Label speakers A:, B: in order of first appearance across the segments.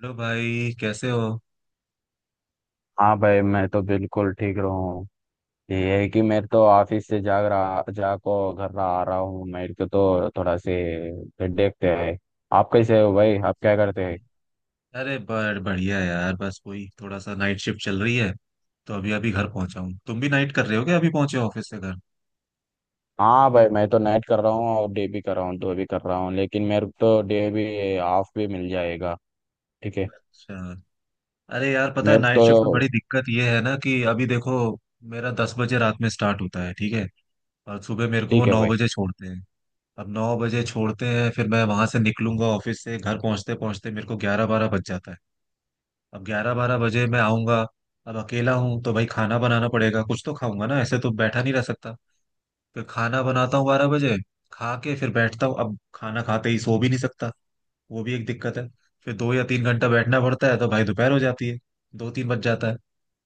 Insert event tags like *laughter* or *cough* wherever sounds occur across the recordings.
A: Hello भाई, कैसे हो?
B: हाँ भाई मैं तो बिल्कुल ठीक रहा हूँ। ये है कि मैं तो ऑफिस से जाग रहा जाको घर रहा आ रहा हूँ मेरे को तो थोड़ा से देखते हैं। आप कैसे हो भाई? आप क्या करते हैं?
A: अरे बड़ बढ़िया यार। बस वही थोड़ा सा नाइट शिफ्ट चल रही है। तो अभी अभी घर पहुंचा हूँ। तुम भी नाइट कर रहे हो क्या? अभी पहुंचे हो ऑफिस से घर?
B: हाँ भाई मैं तो नाइट कर रहा हूँ और डे भी कर रहा हूँ दो भी कर रहा हूँ लेकिन मेरे को तो डे भी ऑफ भी मिल जाएगा। ठीक है।
A: अच्छा। अरे यार, पता है
B: मेरे को
A: नाइट शिफ्ट में
B: तो
A: बड़ी दिक्कत ये है ना? कि अभी देखो, मेरा 10 बजे रात में स्टार्ट होता है, ठीक है। और सुबह मेरे को वो
B: ठीक है
A: नौ
B: भाई।
A: बजे छोड़ते हैं। अब 9 बजे छोड़ते हैं, फिर मैं वहां से निकलूंगा ऑफिस से। घर पहुंचते पहुंचते मेरे को 11-12 बज जाता है। अब 11-12 बजे मैं आऊंगा। अब अकेला हूँ तो भाई खाना बनाना पड़ेगा, कुछ तो खाऊंगा ना, ऐसे तो बैठा नहीं रह सकता। फिर खाना बनाता हूँ 12 बजे। खा के फिर बैठता हूँ। अब खाना खाते ही सो भी नहीं सकता, वो भी एक दिक्कत है। फिर 2 या 3 घंटा बैठना पड़ता है तो भाई दोपहर हो जाती है। 2-3 बज जाता है,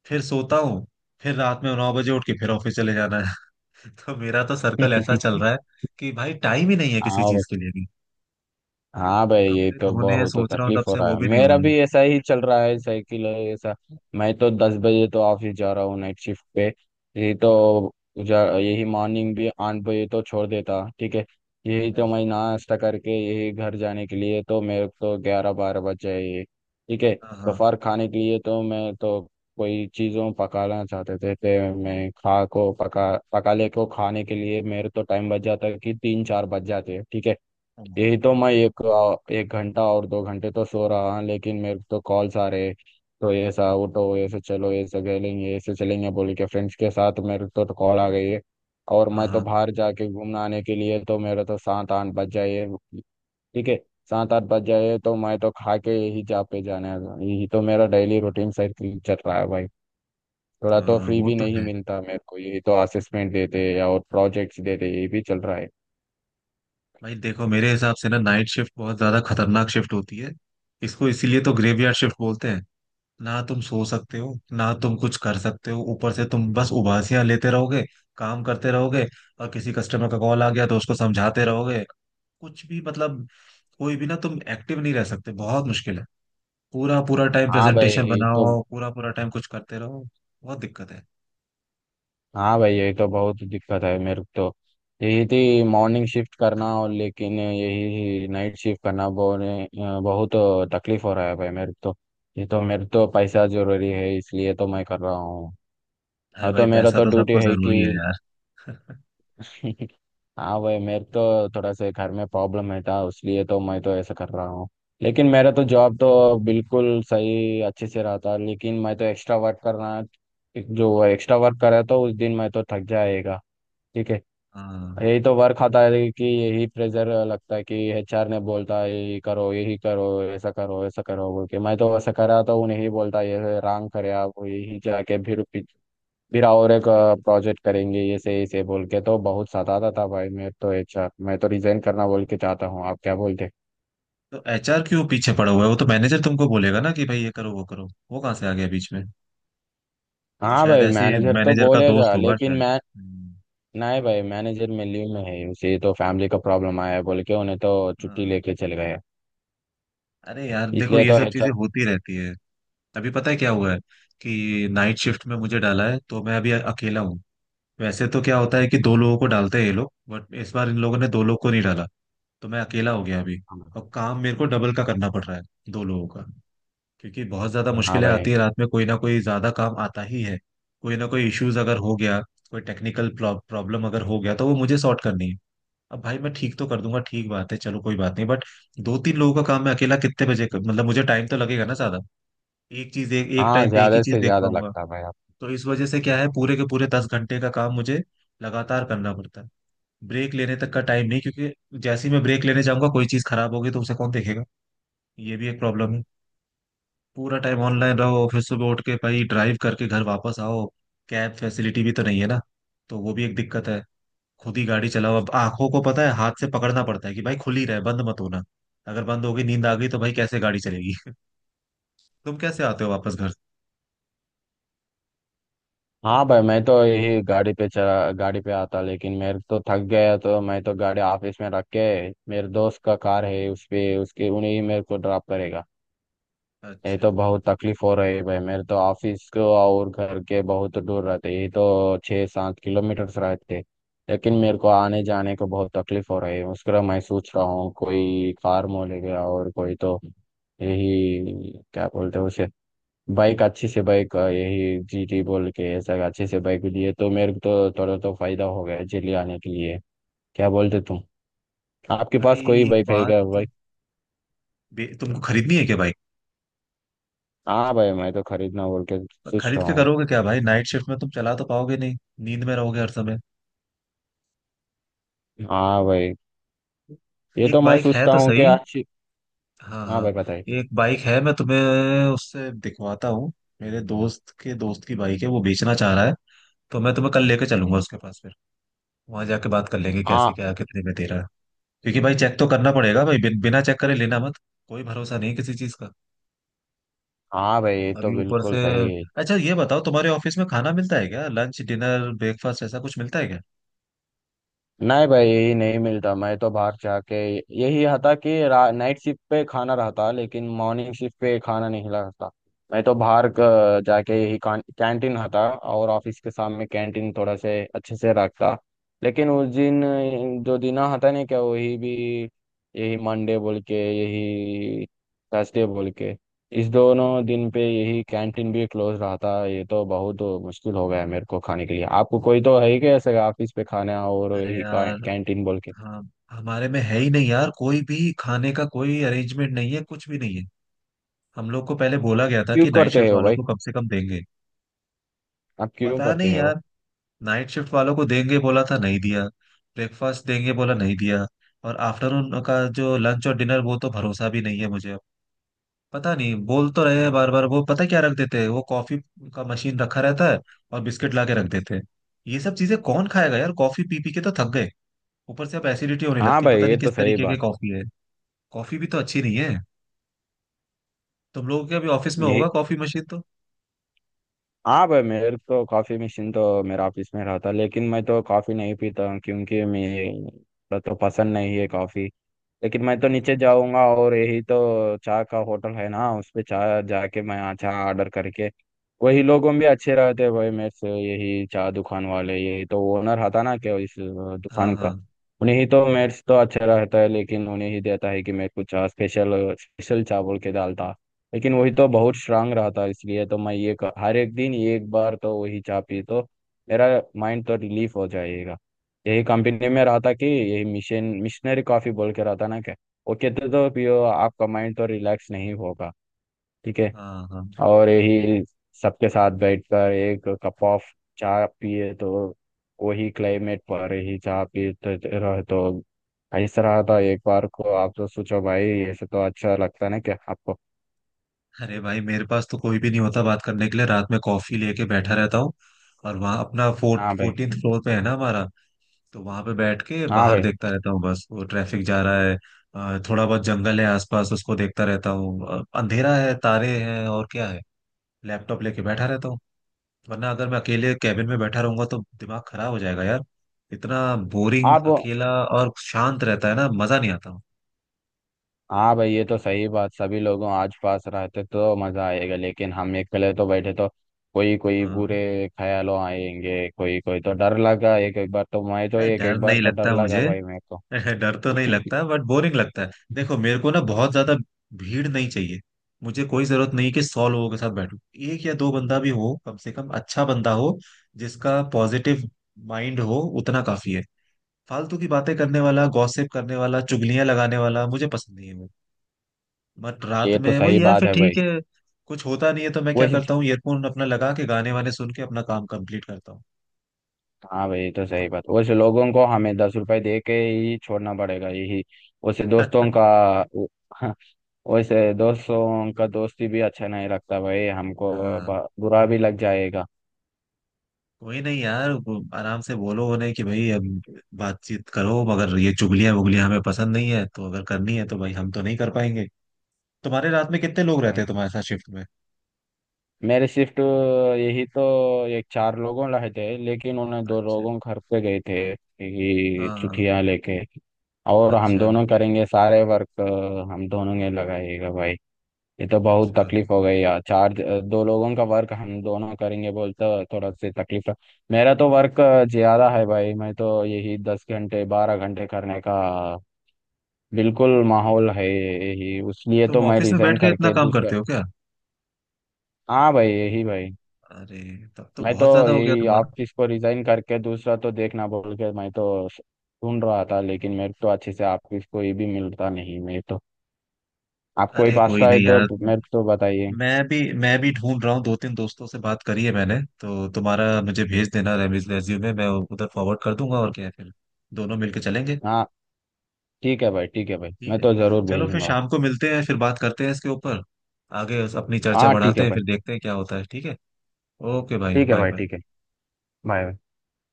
A: फिर सोता हूँ। फिर रात में 9 बजे उठ के फिर ऑफिस चले जाना है। *laughs* तो मेरा तो सर्कल ऐसा चल
B: *laughs*
A: रहा है कि भाई टाइम ही नहीं है किसी
B: हाँ।
A: चीज के लिए भी।
B: हाँ भाई ये
A: कपड़े
B: तो
A: धोने हैं,
B: बहुत तो
A: सोच रहा हूँ तब
B: तकलीफ हो
A: से
B: रहा
A: वो भी
B: है
A: नहीं हो
B: मेरा
A: रहा
B: भी ऐसा ही चल रहा है साइकिल है ऐसा। मैं तो 10 बजे तो ऑफिस जा रहा हूँ नाइट शिफ्ट पे। यही तो जा यही मॉर्निंग भी 8 बजे तो छोड़ देता। ठीक है। यही
A: है।
B: तो मैं नाश्ता करके यही घर जाने के लिए तो मेरे को तो ग्यारह बारह बज जाए। ठीक है।
A: हाँ हाँ।
B: दोपहर खाने के लिए तो मैं तो कोई चीज़ों पकाना चाहते थे तो मैं खा को पका पका ले को खाने के लिए मेरे तो टाइम बच जाता है कि तीन चार बज जाते हैं। ठीक है। यही तो मैं एक एक घंटा और दो घंटे तो सो रहा हूँ लेकिन मेरे को तो कॉल्स आ रहे। तो ऐसा उठो ऐसे चलो ऐसे खेलेंगे ऐसे चलेंगे बोल के फ्रेंड्स के साथ मेरे को तो कॉल आ गई है। और
A: हाँ
B: मैं तो
A: हाँ।
B: बाहर जाके घूमने आने के लिए तो मेरा तो सात आठ बज जाए। ठीक है। सात आठ बज जाए तो मैं तो खा के यही जा पे जाने वाला हूँ। यही तो मेरा डेली रूटीन साइकिल चल रहा है भाई। थोड़ा तो
A: हाँ,
B: फ्री
A: वो
B: भी
A: तो
B: नहीं
A: है।
B: मिलता मेरे को यही तो असेसमेंट देते या और प्रोजेक्ट्स देते हैं, यही भी चल रहा है।
A: भाई देखो, मेरे हिसाब से ना, नाइट शिफ्ट बहुत ज्यादा खतरनाक शिफ्ट होती है। इसको इसीलिए तो ग्रेवयार्ड शिफ्ट बोलते हैं। ना तुम सो सकते हो, ना तुम कुछ कर सकते हो। ऊपर से तुम बस उबासियां लेते रहोगे, काम करते रहोगे, और किसी कस्टमर का कॉल आ गया तो उसको समझाते रहोगे। कुछ भी मतलब, कोई भी, ना तुम एक्टिव नहीं रह सकते, बहुत मुश्किल है। पूरा पूरा टाइम
B: हाँ भाई
A: प्रेजेंटेशन
B: ये तो।
A: बनाओ, पूरा पूरा टाइम कुछ करते रहो। बहुत दिक्कत है।
B: हाँ भाई यही तो बहुत दिक्कत है मेरे को तो। यही थी मॉर्निंग शिफ्ट करना और लेकिन यही नाइट शिफ्ट करना बहुत तकलीफ हो रहा है भाई मेरे को तो। ये तो मेरे तो पैसा जरूरी है इसलिए तो मैं कर रहा हूँ।
A: अरे
B: अब
A: भाई,
B: तो मेरा
A: पैसा
B: तो
A: तो
B: ड्यूटी
A: सबको
B: है कि।
A: जरूरी है यार। *laughs*
B: *laughs* हाँ भाई मेरे तो थोड़ा सा घर में प्रॉब्लम है था इसलिए तो मैं तो ऐसा कर रहा हूँ। लेकिन मेरा तो जॉब तो बिल्कुल सही अच्छे से रहा था लेकिन मैं तो एक्स्ट्रा वर्क करना। जो एक्स्ट्रा वर्क करा तो उस दिन मैं तो थक जाएगा। ठीक है।
A: हाँ।
B: यही तो वर्क आता है कि यही प्रेशर लगता है कि एचआर ने बोलता है यही करो ऐसा करो ऐसा करो बोल के मैं तो वैसा करा तो उन्हें ही बोलता ये रॉन्ग करे आप यही जाके फिर और एक प्रोजेक्ट करेंगे ऐसे ऐसे बोल के तो बहुत सताता था भाई मैं तो एचआर मैं तो रिजाइन करना बोल के चाहता हूँ आप क्या बोलते।
A: तो एचआर क्यों पीछे पड़ा हुआ है? वो तो मैनेजर तुमको बोलेगा ना कि भाई ये करो वो करो। वो कहाँ से आ गया बीच में? वो
B: हाँ
A: शायद
B: भाई
A: ऐसे
B: मैनेजर तो
A: मैनेजर का दोस्त
B: बोलेगा
A: होगा
B: लेकिन
A: शायद।
B: मैं।
A: हम्म,
B: नहीं भाई मैनेजर में लीव में है उसे तो फैमिली का प्रॉब्लम आया बोल के उन्हें तो छुट्टी
A: हाँ।
B: लेके चले गए।
A: अरे यार देखो,
B: इसलिए
A: ये
B: तो
A: सब चीजें
B: एचआर।
A: होती रहती है। अभी पता है क्या हुआ है? कि नाइट शिफ्ट में मुझे डाला है, तो मैं अभी अकेला हूँ। वैसे तो क्या होता है कि दो लोगों को डालते हैं ये लोग, बट इस बार इन लोगों ने दो लोग को नहीं डाला। तो मैं अकेला हो गया अभी, और काम मेरे को डबल का करना पड़ रहा है, दो लोगों का। क्योंकि बहुत ज्यादा
B: हाँ
A: मुश्किलें आती
B: भाई।
A: है रात में, कोई ना कोई ज्यादा काम आता ही है। कोई ना कोई इश्यूज अगर हो गया, कोई टेक्निकल प्रॉब्लम अगर हो गया, तो वो मुझे सॉर्ट करनी है। अब भाई मैं ठीक तो कर दूंगा, ठीक बात है, चलो कोई बात नहीं, बट दो तीन लोगों का काम मैं अकेला कितने बजे कर? मतलब मुझे टाइम तो लगेगा ना ज्यादा। एक चीज, एक एक
B: हाँ
A: टाइम पे एक ही
B: ज्यादा
A: चीज
B: से
A: देख
B: ज्यादा
A: पाऊंगा।
B: लगता भाई आप।
A: तो इस वजह से क्या है, पूरे के पूरे 10 घंटे का काम मुझे लगातार करना पड़ता है। ब्रेक लेने तक का टाइम नहीं, क्योंकि जैसे ही मैं ब्रेक लेने जाऊंगा, कोई चीज खराब होगी तो उसे कौन देखेगा? ये भी एक प्रॉब्लम है। पूरा टाइम ऑनलाइन रहो, फिर सुबह उठ के भाई ड्राइव करके घर वापस आओ। कैब फैसिलिटी भी तो नहीं है ना, तो वो भी एक दिक्कत है। खुद ही गाड़ी चलाओ। अब आंखों को पता है, हाथ से पकड़ना पड़ता है कि भाई खुली रहे, बंद मत होना। अगर बंद हो गई, नींद आ गई, तो भाई कैसे गाड़ी चलेगी? *laughs* तुम कैसे आते हो वापस घर?
B: हाँ भाई मैं तो यही गाड़ी पे चला गाड़ी पे आता लेकिन मेरे तो थक गया तो मैं तो गाड़ी ऑफिस में रख के मेरे दोस्त का कार है उस पे उसके उन्हें ही मेरे को ड्रॉप करेगा। ये
A: अच्छा।
B: तो बहुत तकलीफ हो रही है भाई मेरे तो ऑफिस को और घर के बहुत दूर रहते यही तो 6 7 किलोमीटर रहते। लेकिन मेरे को आने जाने को बहुत तकलीफ हो रही है उसके लिए मैं सोच रहा हूँ कोई कार मोलेगा और कोई तो यही क्या बोलते हैं उसे। बाइक अच्छी से बाइक यही जीटी बोल के ऐसा अच्छे से बाइक लिए तो मेरे को तो थोड़ा तो फायदा हो गया दिल्ली आने के लिए। क्या बोलते तुम? आपके पास कोई
A: भाई
B: बाइक है
A: बात
B: क्या
A: तो,
B: भाई?
A: तुमको खरीदनी है क्या बाइक?
B: हाँ भाई मैं तो खरीदना बोल के सोच
A: खरीद
B: रहा
A: के
B: हूँ।
A: करोगे क्या भाई? नाइट शिफ्ट में तुम चला तो पाओगे नहीं, नींद में रहोगे हर समय।
B: हाँ भाई ये
A: एक
B: तो मैं
A: बाइक है
B: सोचता
A: तो
B: हूँ
A: सही।
B: कि अच्छी।
A: हाँ
B: हाँ
A: हाँ।
B: भाई बताइए।
A: एक बाइक है, मैं तुम्हें उससे दिखवाता हूँ। मेरे दोस्त के दोस्त की बाइक है, वो बेचना चाह रहा है। तो मैं तुम्हें कल लेके चलूंगा उसके पास। फिर वहां जाके बात कर लेंगे, कैसे
B: हाँ
A: क्या कितने में दे रहा है। क्योंकि भाई चेक तो करना पड़ेगा भाई, बिना चेक करे लेना मत। कोई भरोसा नहीं किसी चीज का।
B: हाँ भाई ये तो
A: अभी ऊपर से
B: बिल्कुल सही है।
A: अच्छा, ये बताओ, तुम्हारे ऑफिस में खाना मिलता है क्या? लंच, डिनर, ब्रेकफास्ट ऐसा कुछ मिलता है क्या?
B: नहीं भाई नहीं मिलता मैं तो बाहर जाके यही था कि नाइट शिफ्ट पे खाना रहता लेकिन मॉर्निंग शिफ्ट पे खाना नहीं रहता। मैं तो बाहर जाके यही कैंटीन था और ऑफिस के सामने कैंटीन थोड़ा से अच्छे से रखता। लेकिन उस दिन जो दिन था नहीं क्या वही भी यही मंडे बोल के यही थर्सडे बोल के इस दोनों दिन पे यही कैंटीन भी क्लोज रहा था ये तो बहुत मुश्किल हो गया है मेरे को खाने के लिए आपको कोई तो है ही क्या ऐसे ऑफिस पे खाना और
A: अरे
B: यही
A: यार।
B: कैंटीन बोल के।
A: हाँ, हमारे में है ही नहीं यार, कोई भी खाने का कोई अरेंजमेंट नहीं है, कुछ भी नहीं है। हम लोग को पहले बोला गया था
B: क्यों
A: कि नाइट
B: करते
A: शिफ्ट
B: हो
A: वालों
B: भाई?
A: को कम से कम देंगे।
B: आप क्यों
A: पता नहीं
B: करते
A: यार।
B: हो?
A: नाइट शिफ्ट वालों को देंगे बोला था, नहीं दिया। ब्रेकफास्ट देंगे बोला, नहीं दिया। और आफ्टरनून का जो लंच और डिनर, वो तो भरोसा भी नहीं है मुझे। पता नहीं, बोल तो रहे हैं बार बार। वो पता क्या रख देते हैं? वो कॉफी का मशीन रखा रहता है, और बिस्किट ला के रख देते हैं। ये सब चीजें कौन खाएगा यार? कॉफी पी पी के तो थक गए। ऊपर से अब एसिडिटी होने
B: हाँ
A: लगती है,
B: भाई
A: पता
B: ये
A: नहीं
B: तो
A: किस
B: सही
A: तरीके की
B: बात
A: कॉफी है। कॉफी भी तो अच्छी नहीं है। तुम लोगों के अभी ऑफिस में
B: यही।
A: होगा कॉफी मशीन तो?
B: हाँ भाई मेरे तो कॉफी मशीन तो मेरे ऑफिस में रहा था लेकिन मैं तो कॉफी नहीं पीता क्योंकि मेरा तो पसंद नहीं है कॉफी। लेकिन मैं तो
A: अरे
B: नीचे जाऊंगा और यही तो चाय का होटल है ना उस पे चाय जाके मैं यहाँ चाय ऑर्डर करके वही लोगों भी अच्छे रहते हैं भाई मेरे से यही चाय दुकान वाले यही तो ओनर था ना क्या इस
A: हाँ
B: दुकान
A: हाँ।
B: का। उन्हें ही तो मेरे से तो अच्छा रहता है लेकिन उन्हें ही देता है कि मेरे को चाय स्पेशल स्पेशल चाय बोल के डालता। लेकिन वही तो बहुत स्ट्रांग रहता है इसलिए तो मैं ये हर एक दिन एक बार तो वही चाय पी तो मेरा माइंड तो रिलीफ हो जाएगा। यही कंपनी में रहा था कि यही मिशन मिशनरी कॉफी बोल के रहा था ना क्या। वो कहते तो पियो आपका माइंड तो रिलैक्स नहीं होगा। ठीक है।
A: हाँ हाँ।
B: और यही सबके साथ बैठकर एक कप ऑफ चाय पिए तो वही क्लाइमेट पर ही चाय पीते रहे तो ऐसा रहा था एक बार को आप तो सोचो भाई ऐसे तो अच्छा लगता है ना क्या आपको?
A: अरे भाई, मेरे पास तो कोई भी नहीं होता बात करने के लिए, रात में कॉफी लेके बैठा रहता हूँ। और वहां अपना फोर्ट
B: हाँ भाई।
A: 14 फ्लोर पे है ना हमारा? तो वहां पे बैठ के
B: हाँ
A: बाहर
B: भाई
A: देखता रहता हूँ, बस वो ट्रैफिक जा रहा है। थोड़ा बहुत जंगल है आसपास, उसको देखता रहता हूँ। अंधेरा है, तारे हैं, और क्या है। लैपटॉप लेके बैठा रहता हूँ। वरना अगर मैं अकेले कैबिन में बैठा रहूंगा तो दिमाग खराब हो जाएगा यार। इतना बोरिंग,
B: आप।
A: अकेला और शांत रहता है ना, मजा नहीं आता।
B: हाँ भाई ये तो सही बात सभी लोगों आज पास रहते तो मजा आएगा लेकिन हम अकेले तो बैठे तो कोई कोई
A: हाँ।
B: बुरे ख्यालों आएंगे कोई कोई तो डर लगा एक एक बार तो मैं तो
A: नहीं,
B: एक
A: डर
B: एक बार
A: नहीं
B: तो डर
A: लगता
B: लगा
A: मुझे।
B: भाई मेरे को।
A: *laughs* डर तो नहीं लगता, बट बोरिंग लगता है। देखो
B: *laughs*
A: मेरे को ना, बहुत ज्यादा भीड़ नहीं चाहिए। मुझे कोई जरूरत नहीं कि 100 लोगों के साथ बैठूं। एक या दो बंदा भी हो कम से कम, अच्छा बंदा हो, जिसका पॉजिटिव माइंड हो, उतना काफी है। फालतू की बातें करने वाला, गॉसिप करने वाला, चुगलियां लगाने वाला मुझे पसंद नहीं है वो। बट रात
B: ये तो
A: में वही
B: सही
A: है
B: बात
A: फिर,
B: है
A: ठीक
B: भाई।
A: है। कुछ होता नहीं है तो मैं क्या
B: वैसे
A: करता हूँ, ईयरफोन अपना लगा के गाने वाने सुन के अपना काम कंप्लीट करता हूँ।
B: हाँ भाई ये तो
A: तो
B: सही बात वैसे लोगों को हमें 10 रुपए दे के ही छोड़ना पड़ेगा यही। वैसे दोस्तों का
A: *laughs*
B: *laughs* वैसे दोस्तों का दोस्ती भी अच्छा नहीं लगता भाई हमको।
A: हाँ।
B: बुरा भी लग जाएगा।
A: कोई नहीं यार, वो आराम से बोलो उन्हें कि भाई अब बातचीत करो, मगर ये चुगलियां वुगलियां हमें पसंद नहीं है। तो अगर करनी है तो भाई हम तो नहीं कर पाएंगे। तुम्हारे रात में कितने लोग रहते
B: भाई
A: हैं तुम्हारे साथ शिफ्ट में?
B: मेरे शिफ्ट यही तो एक चार लोगों रहे थे लेकिन उन्हें दो
A: अच्छा।
B: लोगों घर पे गए थे यही
A: हाँ हाँ।
B: छुट्टियां लेके। और हम
A: अच्छा।
B: दोनों करेंगे सारे वर्क। हम दोनों ने लगाएगा भाई। ये तो बहुत
A: अच्छा।
B: तकलीफ हो गई यार चार दो लोगों का वर्क हम दोनों करेंगे बोलते थोड़ा से तकलीफ है। मेरा तो वर्क ज्यादा है भाई मैं तो यही 10 घंटे 12 घंटे करने का बिल्कुल माहौल है यही उसलिए
A: तुम
B: तो मैं
A: ऑफिस में बैठ
B: रिजाइन
A: के इतना
B: करके
A: काम
B: दूसरे।
A: करते हो क्या?
B: हाँ भाई यही भाई।
A: अरे तब तो
B: मैं तो
A: बहुत ज्यादा हो गया
B: यही
A: तुम्हारा।
B: ऑफिस को रिजाइन करके दूसरा तो देखना बोल के मैं तो ढूंढ रहा था लेकिन मेरे को तो अच्छे से ऑफिस कोई भी मिलता नहीं मैं तो आपको ही
A: अरे कोई
B: पास्ता है
A: नहीं
B: तो
A: यार,
B: मेरे को तो बताइए।
A: मैं भी ढूंढ रहा हूँ। 2-3 दोस्तों से बात करी है मैंने, तो तुम्हारा मुझे भेज देना रेज्यूमे, मैं उधर फॉरवर्ड कर दूंगा और क्या है फिर। दोनों मिलके चलेंगे।
B: हाँ ठीक है भाई
A: ठीक
B: मैं
A: है।
B: तो जरूर
A: चलो फिर
B: भेजूंगा।
A: शाम को मिलते हैं, फिर बात करते हैं इसके ऊपर। आगे अपनी चर्चा
B: हाँ ठीक
A: बढ़ाते
B: है
A: हैं,
B: भाई
A: फिर देखते हैं क्या होता है, ठीक है। ओके भाई,
B: ठीक है
A: बाय
B: भाई
A: बाय।
B: ठीक है बाय।